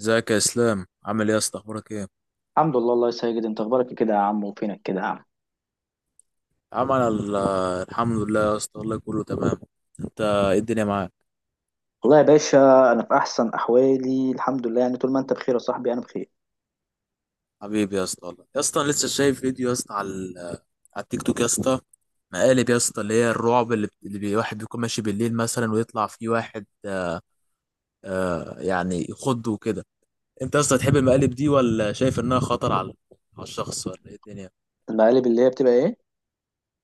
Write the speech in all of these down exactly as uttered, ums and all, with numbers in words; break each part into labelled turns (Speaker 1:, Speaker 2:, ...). Speaker 1: ازيك يا اسلام؟ عامل ايه يا اسطى؟ اخبارك ايه؟
Speaker 2: الحمد لله. الله يسعدك، انت اخبارك إيه كده يا عم؟ وفينك كده يا عم؟
Speaker 1: عمل الحمد لله يا اسطى، والله كله تمام. انت ايه الدنيا معاك؟
Speaker 2: والله يا باشا، انا في احسن احوالي الحمد لله، يعني طول ما انت بخير يا صاحبي انا بخير.
Speaker 1: حبيبي يا اسطى، والله يا اسطى، انا لسه شايف فيديو يا اسطى على ال- على التيك توك يا اسطى، مقالب يا اسطى، اللي هي الرعب اللي, بت- اللي بي- واحد بيكون ماشي بالليل مثلا، ويطلع فيه واحد آه يعني يخضه وكده. انت يا اسطى تحب المقالب دي، ولا شايف انها خطر على على الشخص، ولا ايه الدنيا؟
Speaker 2: المقالب اللي هي بتبقى ايه؟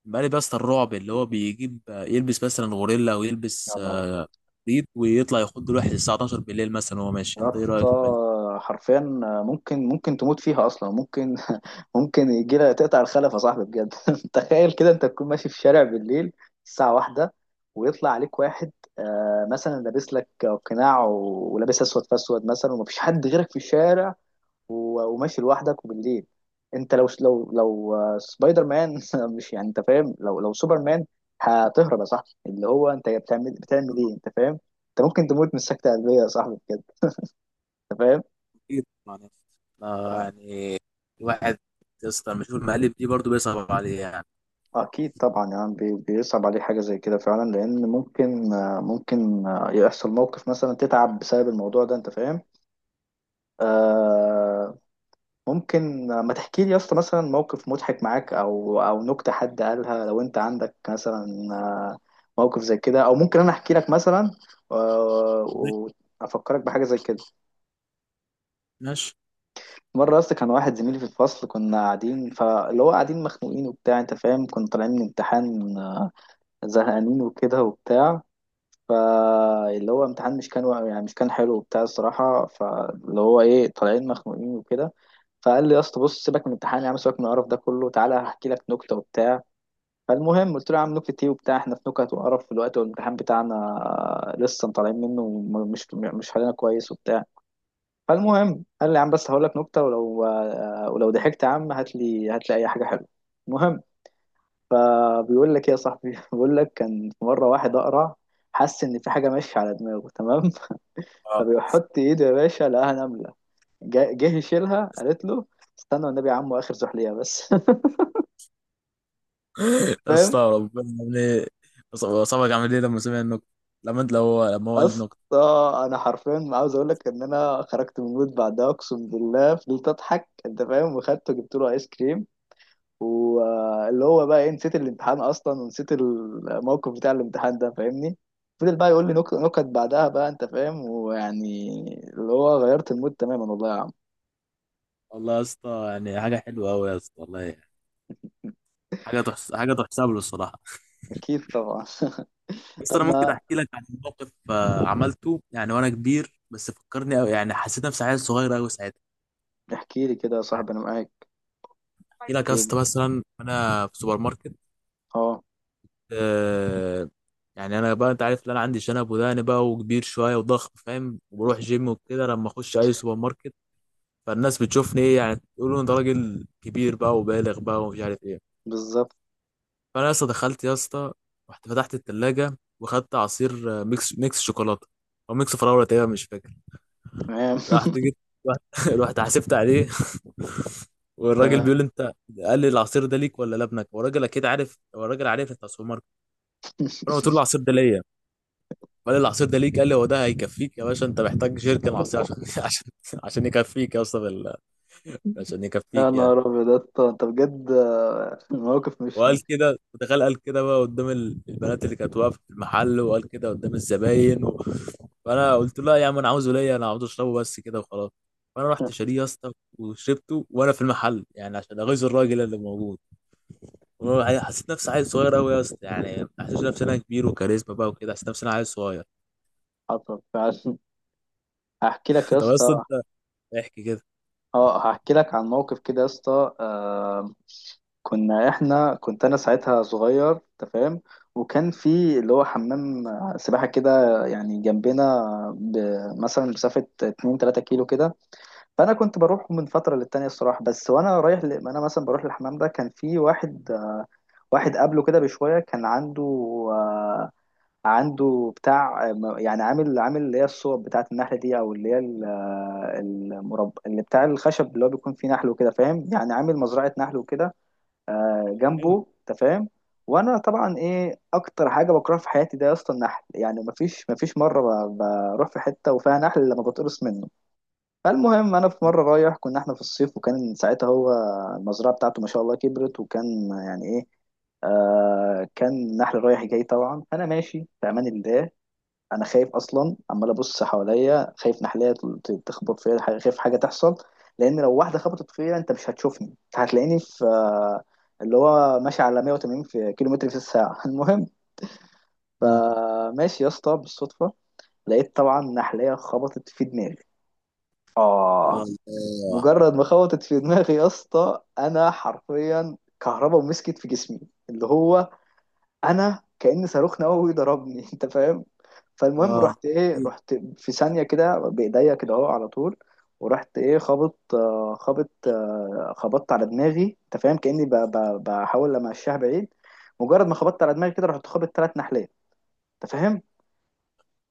Speaker 1: مقلب يا اسطى الرعب اللي هو بيجيب يلبس مثلا غوريلا، او يلبس
Speaker 2: يا نهار
Speaker 1: آه،
Speaker 2: ابيض
Speaker 1: ريد، ويطلع يخض الواحد الساعه اتناشر بالليل مثلا وهو ماشي.
Speaker 2: يا
Speaker 1: انت ايه
Speaker 2: اسطى،
Speaker 1: رايك في المقالب؟
Speaker 2: حرفيا ممكن ممكن تموت فيها اصلا. ممكن ممكن يجي لها تقطع الخلف يا صاحبي بجد. تخيل كده انت تكون ماشي في شارع بالليل، الساعه واحدة، ويطلع عليك واحد، آه، مثلا لابس لك قناع ولابس اسود في اسود مثلا، ومفيش حد غيرك في الشارع، و- وماشي لوحدك وبالليل. انت لو لو لو آه، سبايدر مان مش يعني، انت فاهم؟ لو لو سوبر مان هتهرب يا صاحبي، اللي هو انت بتعمل بتعمل ايه؟ انت فاهم؟ انت ممكن تموت من سكتة قلبية يا صاحبي بجد. انت فاهم؟
Speaker 1: كتير طبعا يا اسطى. آه، يعني الواحد يا اسطى لما يشوف المقالب دي برضه بيصعب عليه يعني.
Speaker 2: اكيد طبعا، يعني بي- بيصعب عليه حاجة زي كده فعلا، لان ممكن آه، ممكن آه، يحصل موقف مثلا تتعب بسبب الموضوع ده، انت فاهم؟ آه، ممكن ما تحكي لي يا اسطى مثلا موقف مضحك معاك، او او نكته حد قالها لو انت عندك مثلا. آه، موقف زي كده، او ممكن انا احكي لك مثلا. آه، وافكرك بحاجه زي كده.
Speaker 1: ماشي.
Speaker 2: مره يا اسطى كان واحد زميلي في الفصل، كنا قاعدين، فاللي هو قاعدين مخنوقين وبتاع، انت فاهم، كنا طالعين من امتحان، آه، زهقانين وكده وبتاع. فاللي هو امتحان مش كان وق- يعني مش كان حلو وبتاع الصراحة. فاللي هو ايه، طالعين مخنوقين وكده. فقال لي يا اسطى بص، سيبك من الامتحان يا عم، سيبك من القرف ده كله، تعالى هحكي لك نكتة وبتاع. فالمهم قلت له يا عم، نكتة ايه وبتاع؟ احنا في نكت وقرف في الوقت، والامتحان بتاعنا لسه طالعين منه، ومش مش حالنا كويس وبتاع. فالمهم قال لي يا عم، بس هقول لك نكتة، ولو ولو ضحكت يا عم هات لي هات لي اي حاجة حلوة. المهم، فبيقول لك ايه يا صاحبي؟ بيقول لك، كان في مره واحد اقرع، حس ان في حاجه ماشيه على دماغه. تمام.
Speaker 1: اه.
Speaker 2: فبيحط ايده يا باشا، لقاها نمله. جا- جه يشيلها، قالت له استنى والنبي يا عم، اخر زحليقه بس.
Speaker 1: يا
Speaker 2: فاهم؟
Speaker 1: اسطى، ربنا عامل ايه؟ صاحبك عامل ايه لما سمع النكته؟ لما انت لو هو لما هو قال النكته.
Speaker 2: اصلا انا حرفيا عاوز اقول لك ان انا خرجت من المود بعدها، اقسم بالله فضلت اضحك، انت فاهم، وخدته جبت له ايس كريم. واللي هو بقى ايه، نسيت الامتحان اصلا، ونسيت الموقف بتاع الامتحان ده، فاهمني. فضل بقى يقول لي نك- نكت بعدها بقى، انت فاهم، ويعني اللي هو غيرت المود تماما والله يا عم.
Speaker 1: والله يا اسطى يعني حاجه حلوه قوي يا اسطى، والله يعني. حاجه تحس... حاجه تحسب له الصراحه.
Speaker 2: اكيد طبعا.
Speaker 1: بس
Speaker 2: طب
Speaker 1: انا ممكن
Speaker 2: ما
Speaker 1: احكي لك عن موقف آه، عملته يعني وانا كبير، بس فكرني أوي. يعني حسيت نفسي عيل صغير قوي ساعتها.
Speaker 2: احكي لي كده يا
Speaker 1: يعني
Speaker 2: صاحبي، انا معاك.
Speaker 1: احكي لك
Speaker 2: احكي
Speaker 1: يا
Speaker 2: لي.
Speaker 1: اسطى مثلا انا في سوبر ماركت.
Speaker 2: اه.
Speaker 1: آه، يعني انا بقى انت عارف ان انا عندي شنب وداني بقى، وكبير شويه وضخم، فاهم؟ وبروح جيم وكده، لما اخش اي سوبر ماركت فالناس بتشوفني ايه؟ يعني تقولوا انت راجل كبير بقى وبالغ بقى، ومش عارف ايه.
Speaker 2: بالظبط.
Speaker 1: فانا يا اسطى دخلت يا اسطى، رحت فتحت التلاجه واخدت عصير آه، ميكس ميكس شوكولاته، او ميكس فراوله تقريبا مش فاكر.
Speaker 2: تمام.
Speaker 1: رحت جيت رحت رحت حسبت عليه. والراجل
Speaker 2: تمام.
Speaker 1: بيقول لي انت، قال لي: العصير ده ليك ولا لابنك؟ والراجل اكيد عارف، هو الراجل عارف انت سوبر ماركت. فانا قلت له: العصير ده ليا. قال لي: العصير ده ليك؟ قال لي: هو ده هيكفيك يا باشا؟ انت محتاج جيركن عصير عشان عشان عشان يكفيك يا اسطى، بال- عشان يكفيك
Speaker 2: يا
Speaker 1: يعني.
Speaker 2: نهار ابيض يا اسطى، انت بجد، آه، الموقف مش
Speaker 1: وقال كده، متخيل؟ قال كده بقى قدام ال- البنات اللي كانت واقفه في المحل، وقال كده قدام الزباين و... فانا قلت له: لا يا عم، انا عاوزه ليا، انا عاوز اشربه بس كده وخلاص. فانا رحت شاريه يا اسطى، وشربته وانا في المحل يعني عشان اغيظ الراجل اللي موجود. وأنا حسيت نفسي عيل صغير قوي يا اسطى، يعني ما حسيتش نفسي انا كبير وكاريزما بقى وكده، حسيت نفسي انا عيل صغير.
Speaker 2: حصل فعلا. هحكي لك يا
Speaker 1: طب يا اسطى
Speaker 2: اسطى.
Speaker 1: انت احكي كده.
Speaker 2: اه، هحكي لك عن موقف كده يا اسطى. آه، كنا احنا، كنت انا ساعتها صغير تفهم، وكان في اللي هو حمام سباحة كده، يعني جنبنا، ب- مثلا مسافة اثنين تلاتة كيلو كده. فانا كنت بروح من فترة للتانية الصراحة، بس وانا رايح ل... انا مثلا بروح للحمام ده كان في واحد، واحد قبله كده بشوية كان عنده، آه، عنده بتاع، يعني عامل عامل اللي هي الصوب بتاعة النحلة دي، او اللي هي ال- المرب اللي بتاع الخشب اللي هو بيكون فيه نحل وكده، فاهم؟ يعني عامل مزرعة نحل وكده، آه،
Speaker 1: حلو.
Speaker 2: جنبه، انت فاهم؟ وانا طبعا ايه اكتر حاجه بكرهها في حياتي ده يا اسطى، النحل. يعني مفيش مفيش مره ب- بروح في حته وفيها نحل لما بتقرص منه. فالمهم انا في مره رايح، كنا احنا في الصيف، وكان ساعتها هو المزرعه بتاعته ما شاء الله كبرت، وكان يعني ايه، آه، كان نحل رايح جاي طبعا. فانا ماشي في امان الله، انا خايف اصلا، عمال ابص حواليا، خايف نحلية ت- تخبط فيا، ح- خايف حاجه تحصل، لان لو واحده خبطت فيا انت مش هتشوفني، انت هتلاقيني في اللي هو ماشي على مية وتمانين في كيلو متر في الساعه. المهم،
Speaker 1: مم.
Speaker 2: فماشي يا اسطى بالصدفه، لقيت طبعا نحلية خبطت في دماغي.
Speaker 1: يا
Speaker 2: اه.
Speaker 1: الله.
Speaker 2: مجرد ما خبطت في دماغي يا اسطى، انا حرفيا كهربا ومسكت في جسمي، اللي هو انا كأن صاروخ نووي ضربني. انت فاهم؟ فالمهم
Speaker 1: اه.
Speaker 2: رحت ايه،
Speaker 1: يا
Speaker 2: رحت في ثانية كده بإيديا كده اهو على طول، ورحت ايه خابط، آه، خابط، آه، خبطت على دماغي، انت فاهم، كأني ب- ب- بحاول امشيها بعيد. مجرد ما خبطت على دماغي كده رحت خابط ثلاث نحلات. انت فاهم؟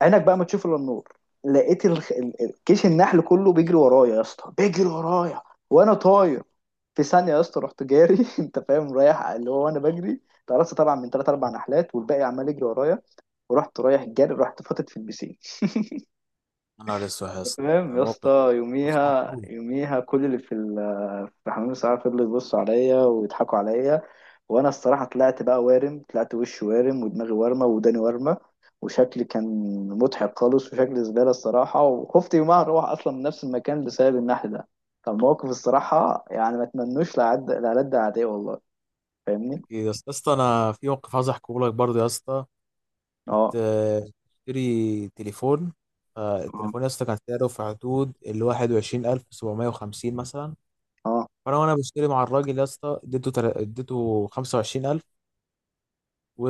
Speaker 2: عينك بقى ما تشوف الا النور. لقيت الخ... ال- ال- كيش النحل كله بيجري ورايا يا اسطى، بيجري ورايا وانا طاير. في ثانية يا اسطى رحت جاري انت فاهم؟ رايح، اللي هو انا بجري، اتقرصت طبعا من ثلاث اربع نحلات، والباقي عمال يجري ورايا. ورحت رايح جاري، رحت فاتت في البسين.
Speaker 1: نهار اسود يا اسطى،
Speaker 2: تمام
Speaker 1: ده
Speaker 2: يا اسطى.
Speaker 1: موقف. موقف صعب
Speaker 2: يوميها
Speaker 1: قوي.
Speaker 2: يوميها كل اللي في ال- في حمام الساعه فضلوا يبصوا عليا ويضحكوا عليا. وانا الصراحه طلعت بقى وارم، طلعت وشي وارم ودماغي وارمه وداني وارمه، وشكلي كان مضحك خالص، وشكلي زباله الصراحه، وخفت يومها اروح اصلا من نفس المكان بسبب النحل ده. فالموقف الصراحه يعني ما اتمنوش لعد لعد اعدائي والله. فاهمني؟
Speaker 1: يا اسطى، يا اسطى، انا في موقف عايز احكيه لك برضه يا اسطى.
Speaker 2: اه.
Speaker 1: كنت آه، بشتري تليفون. آه،
Speaker 2: اه.
Speaker 1: التليفون يا اسطى كان سعره في حدود ال واحد وعشرين الف وسبعمية وخمسين مثلا.
Speaker 2: اه.
Speaker 1: فانا وانا بشتري مع الراجل يا اسطى، اديته تل- اديته خمسة وعشرين الف،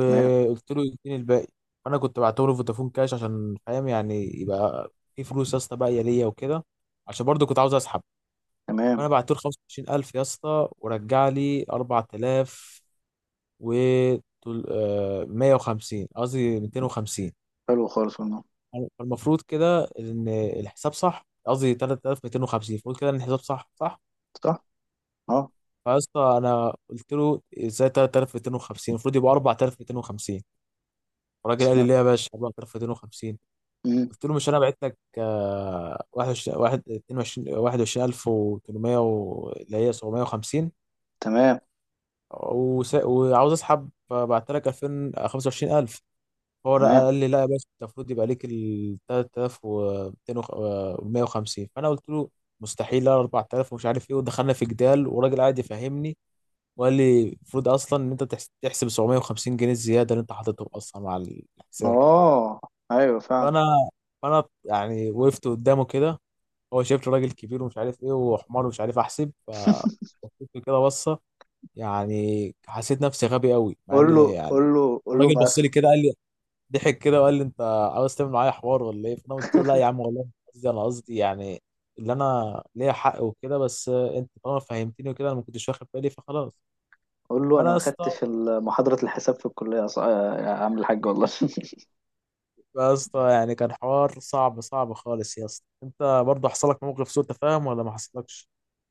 Speaker 2: تمام.
Speaker 1: له يديني الباقي. فانا كنت بعته له فودافون كاش عشان فاهم يعني، يبقى في فلوس يا اسطى باقيه ليا وكده، عشان برضه كنت عاوز اسحب.
Speaker 2: تمام.
Speaker 1: فانا بعت له خمسة وعشرين الف يا اسطى، ورجع لي اربعة آلاف و طول- آه، مية وخمسين قصدي ميتين وخمسين.
Speaker 2: حلو خالص والله.
Speaker 1: فالمفروض كده ان الحساب صح، قصدي تلاتة آلاف ومتين وخمسين. المفروض كده ان الحساب صح صح.
Speaker 2: صح. اه.
Speaker 1: فاسطى انا قلت له: ازاي تلاتة آلاف ومتين وخمسين؟ المفروض يبقى اربعة آلاف ومتين وخمسين. الراجل قال لي:
Speaker 2: تمام.
Speaker 1: ليه يا باشا اربعة آلاف ومتين وخمسين؟
Speaker 2: مم،
Speaker 1: قلت له: مش انا بعت لك آه، واحد وعشرين واحد- اتنين وعشرين واحد وعشرين الف وثمنمية و- اللي هي سبعمية وخمسين،
Speaker 2: تمام.
Speaker 1: وس- وعاوز اسحب، بعت لك الفين خمسة وعشرين الف. هو لا-
Speaker 2: تمام.
Speaker 1: قال لي: لا يا باشا، أنت المفروض يبقى ليك ال تلاتة آلاف ومتين وخمسين. فانا قلت له: مستحيل، لا اربعة آلاف ومش عارف ايه. ودخلنا في جدال، وراجل قاعد يفهمني وقال لي: المفروض اصلا ان انت تحس- تحسب سبعمية وخمسين جنيه الزياده اللي انت حاططهم اصلا مع الحساب.
Speaker 2: اه. ايوه فعلا.
Speaker 1: فانا فانا يعني وقفت قدامه كده، هو شايف راجل كبير ومش عارف ايه وحمار ومش عارف احسب، ف بصيت له كده بصه. يعني حسيت نفسي غبي قوي، مع
Speaker 2: قول
Speaker 1: ان
Speaker 2: له
Speaker 1: يعني
Speaker 2: قول له قول له
Speaker 1: الراجل
Speaker 2: ما
Speaker 1: بص
Speaker 2: أخ-
Speaker 1: لي كده قال لي، ضحك كده وقال لي: انت عاوز تعمل معايا حوار ولا ايه؟ فانا قلت له: لا يا عم والله مش قصدي، انا قصدي يعني اللي انا ليا حق وكده، بس انت طالما فهمتني وكده، انا ما كنتش واخد بالي فخلاص.
Speaker 2: قول له انا
Speaker 1: فانا يا
Speaker 2: ما
Speaker 1: اسطى
Speaker 2: خدتش ال- محاضره الحساب في الكليه يا ص- آه، يا عم الحاج، والله.
Speaker 1: يا اسطى يعني كان حوار صعب صعب خالص يا اسطى. انت برضه حصل لك موقف سوء تفاهم، ولا ما حصلكش؟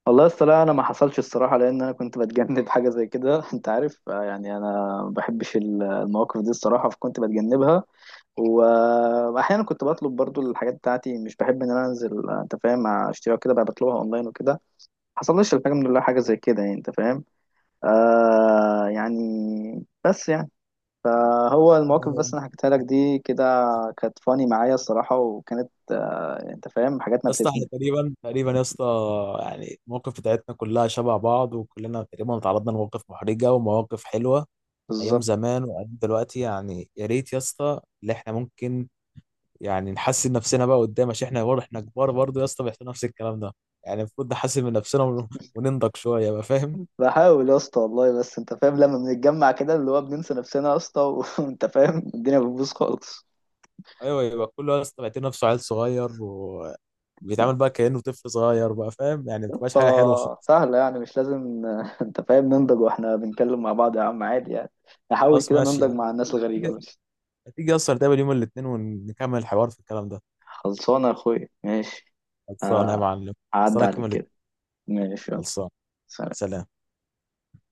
Speaker 2: والله اصل لا، انا ما حصلش الصراحه لان انا كنت بتجنب حاجه زي كده. انت عارف، آه، يعني انا ما بحبش ال- المواقف دي الصراحه، فكنت بتجنبها، و- واحيانا كنت بطلب برضو الحاجات بتاعتي، مش بحب ان انا انزل، آه، انت فاهم، اشتريها كده بقى، بطلبها اونلاين وكده. ما حصلش الحمد لله حاجه زي كده، يعني انت فاهم. آه، يعني بس يعني، فهو المواقف بس
Speaker 1: يا
Speaker 2: اللي حكيتها لك دي كده كانت فاني معايا الصراحة، وكانت آه، انت فاهم، حاجات ما
Speaker 1: اسطى، احنا
Speaker 2: بتزني.
Speaker 1: تقريبا تقريبا يا اسطى، يعني المواقف بتاعتنا كلها شبه بعض، وكلنا تقريبا تعرضنا لمواقف محرجه ومواقف حلوه، ايام
Speaker 2: بالظبط.
Speaker 1: زمان وايام دلوقتي. يعني يا ريت يا اسطى اللي احنا ممكن يعني نحسن نفسنا بقى قدام، عشان احنا برضه احنا كبار برضه يا اسطى، بيحصل نفس الكلام ده. يعني المفروض نحسن من نفسنا ون- وننضج شويه بقى، فاهم؟
Speaker 2: بحاول يا اسطى والله، بس انت فاهم لما بنتجمع كده اللي هو بننسى نفسنا يا اسطى. وانت فاهم الدنيا بتبوظ خالص.
Speaker 1: ايوه، يبقى كله يا اسطى بيعتبر نفسه عيل صغير، وبيتعامل بقى كانه طفل صغير بقى، فاهم يعني؟ ما
Speaker 2: يا
Speaker 1: بتبقاش حاجه حلوه
Speaker 2: اسطى
Speaker 1: خالص.
Speaker 2: سهلة، يعني مش لازم آه، انت فاهم ننضج واحنا بنتكلم مع بعض يا عم، عادي يعني. نحاول
Speaker 1: خلاص
Speaker 2: كده
Speaker 1: ماشي
Speaker 2: ننضج
Speaker 1: يعني.
Speaker 2: مع الناس
Speaker 1: هتيجي
Speaker 2: الغريبة بس.
Speaker 1: هتيجي اصلا نتقابل يوم الاثنين ونكمل الحوار في الكلام ده؟
Speaker 2: خلصانة يا اخويا، ماشي.
Speaker 1: خلصانه يا معلم.
Speaker 2: عدى
Speaker 1: خلصانه
Speaker 2: عليك
Speaker 1: يوم
Speaker 2: كده.
Speaker 1: الاثنين.
Speaker 2: ماشي يلا.
Speaker 1: خلصانه.
Speaker 2: سلام.
Speaker 1: سلام.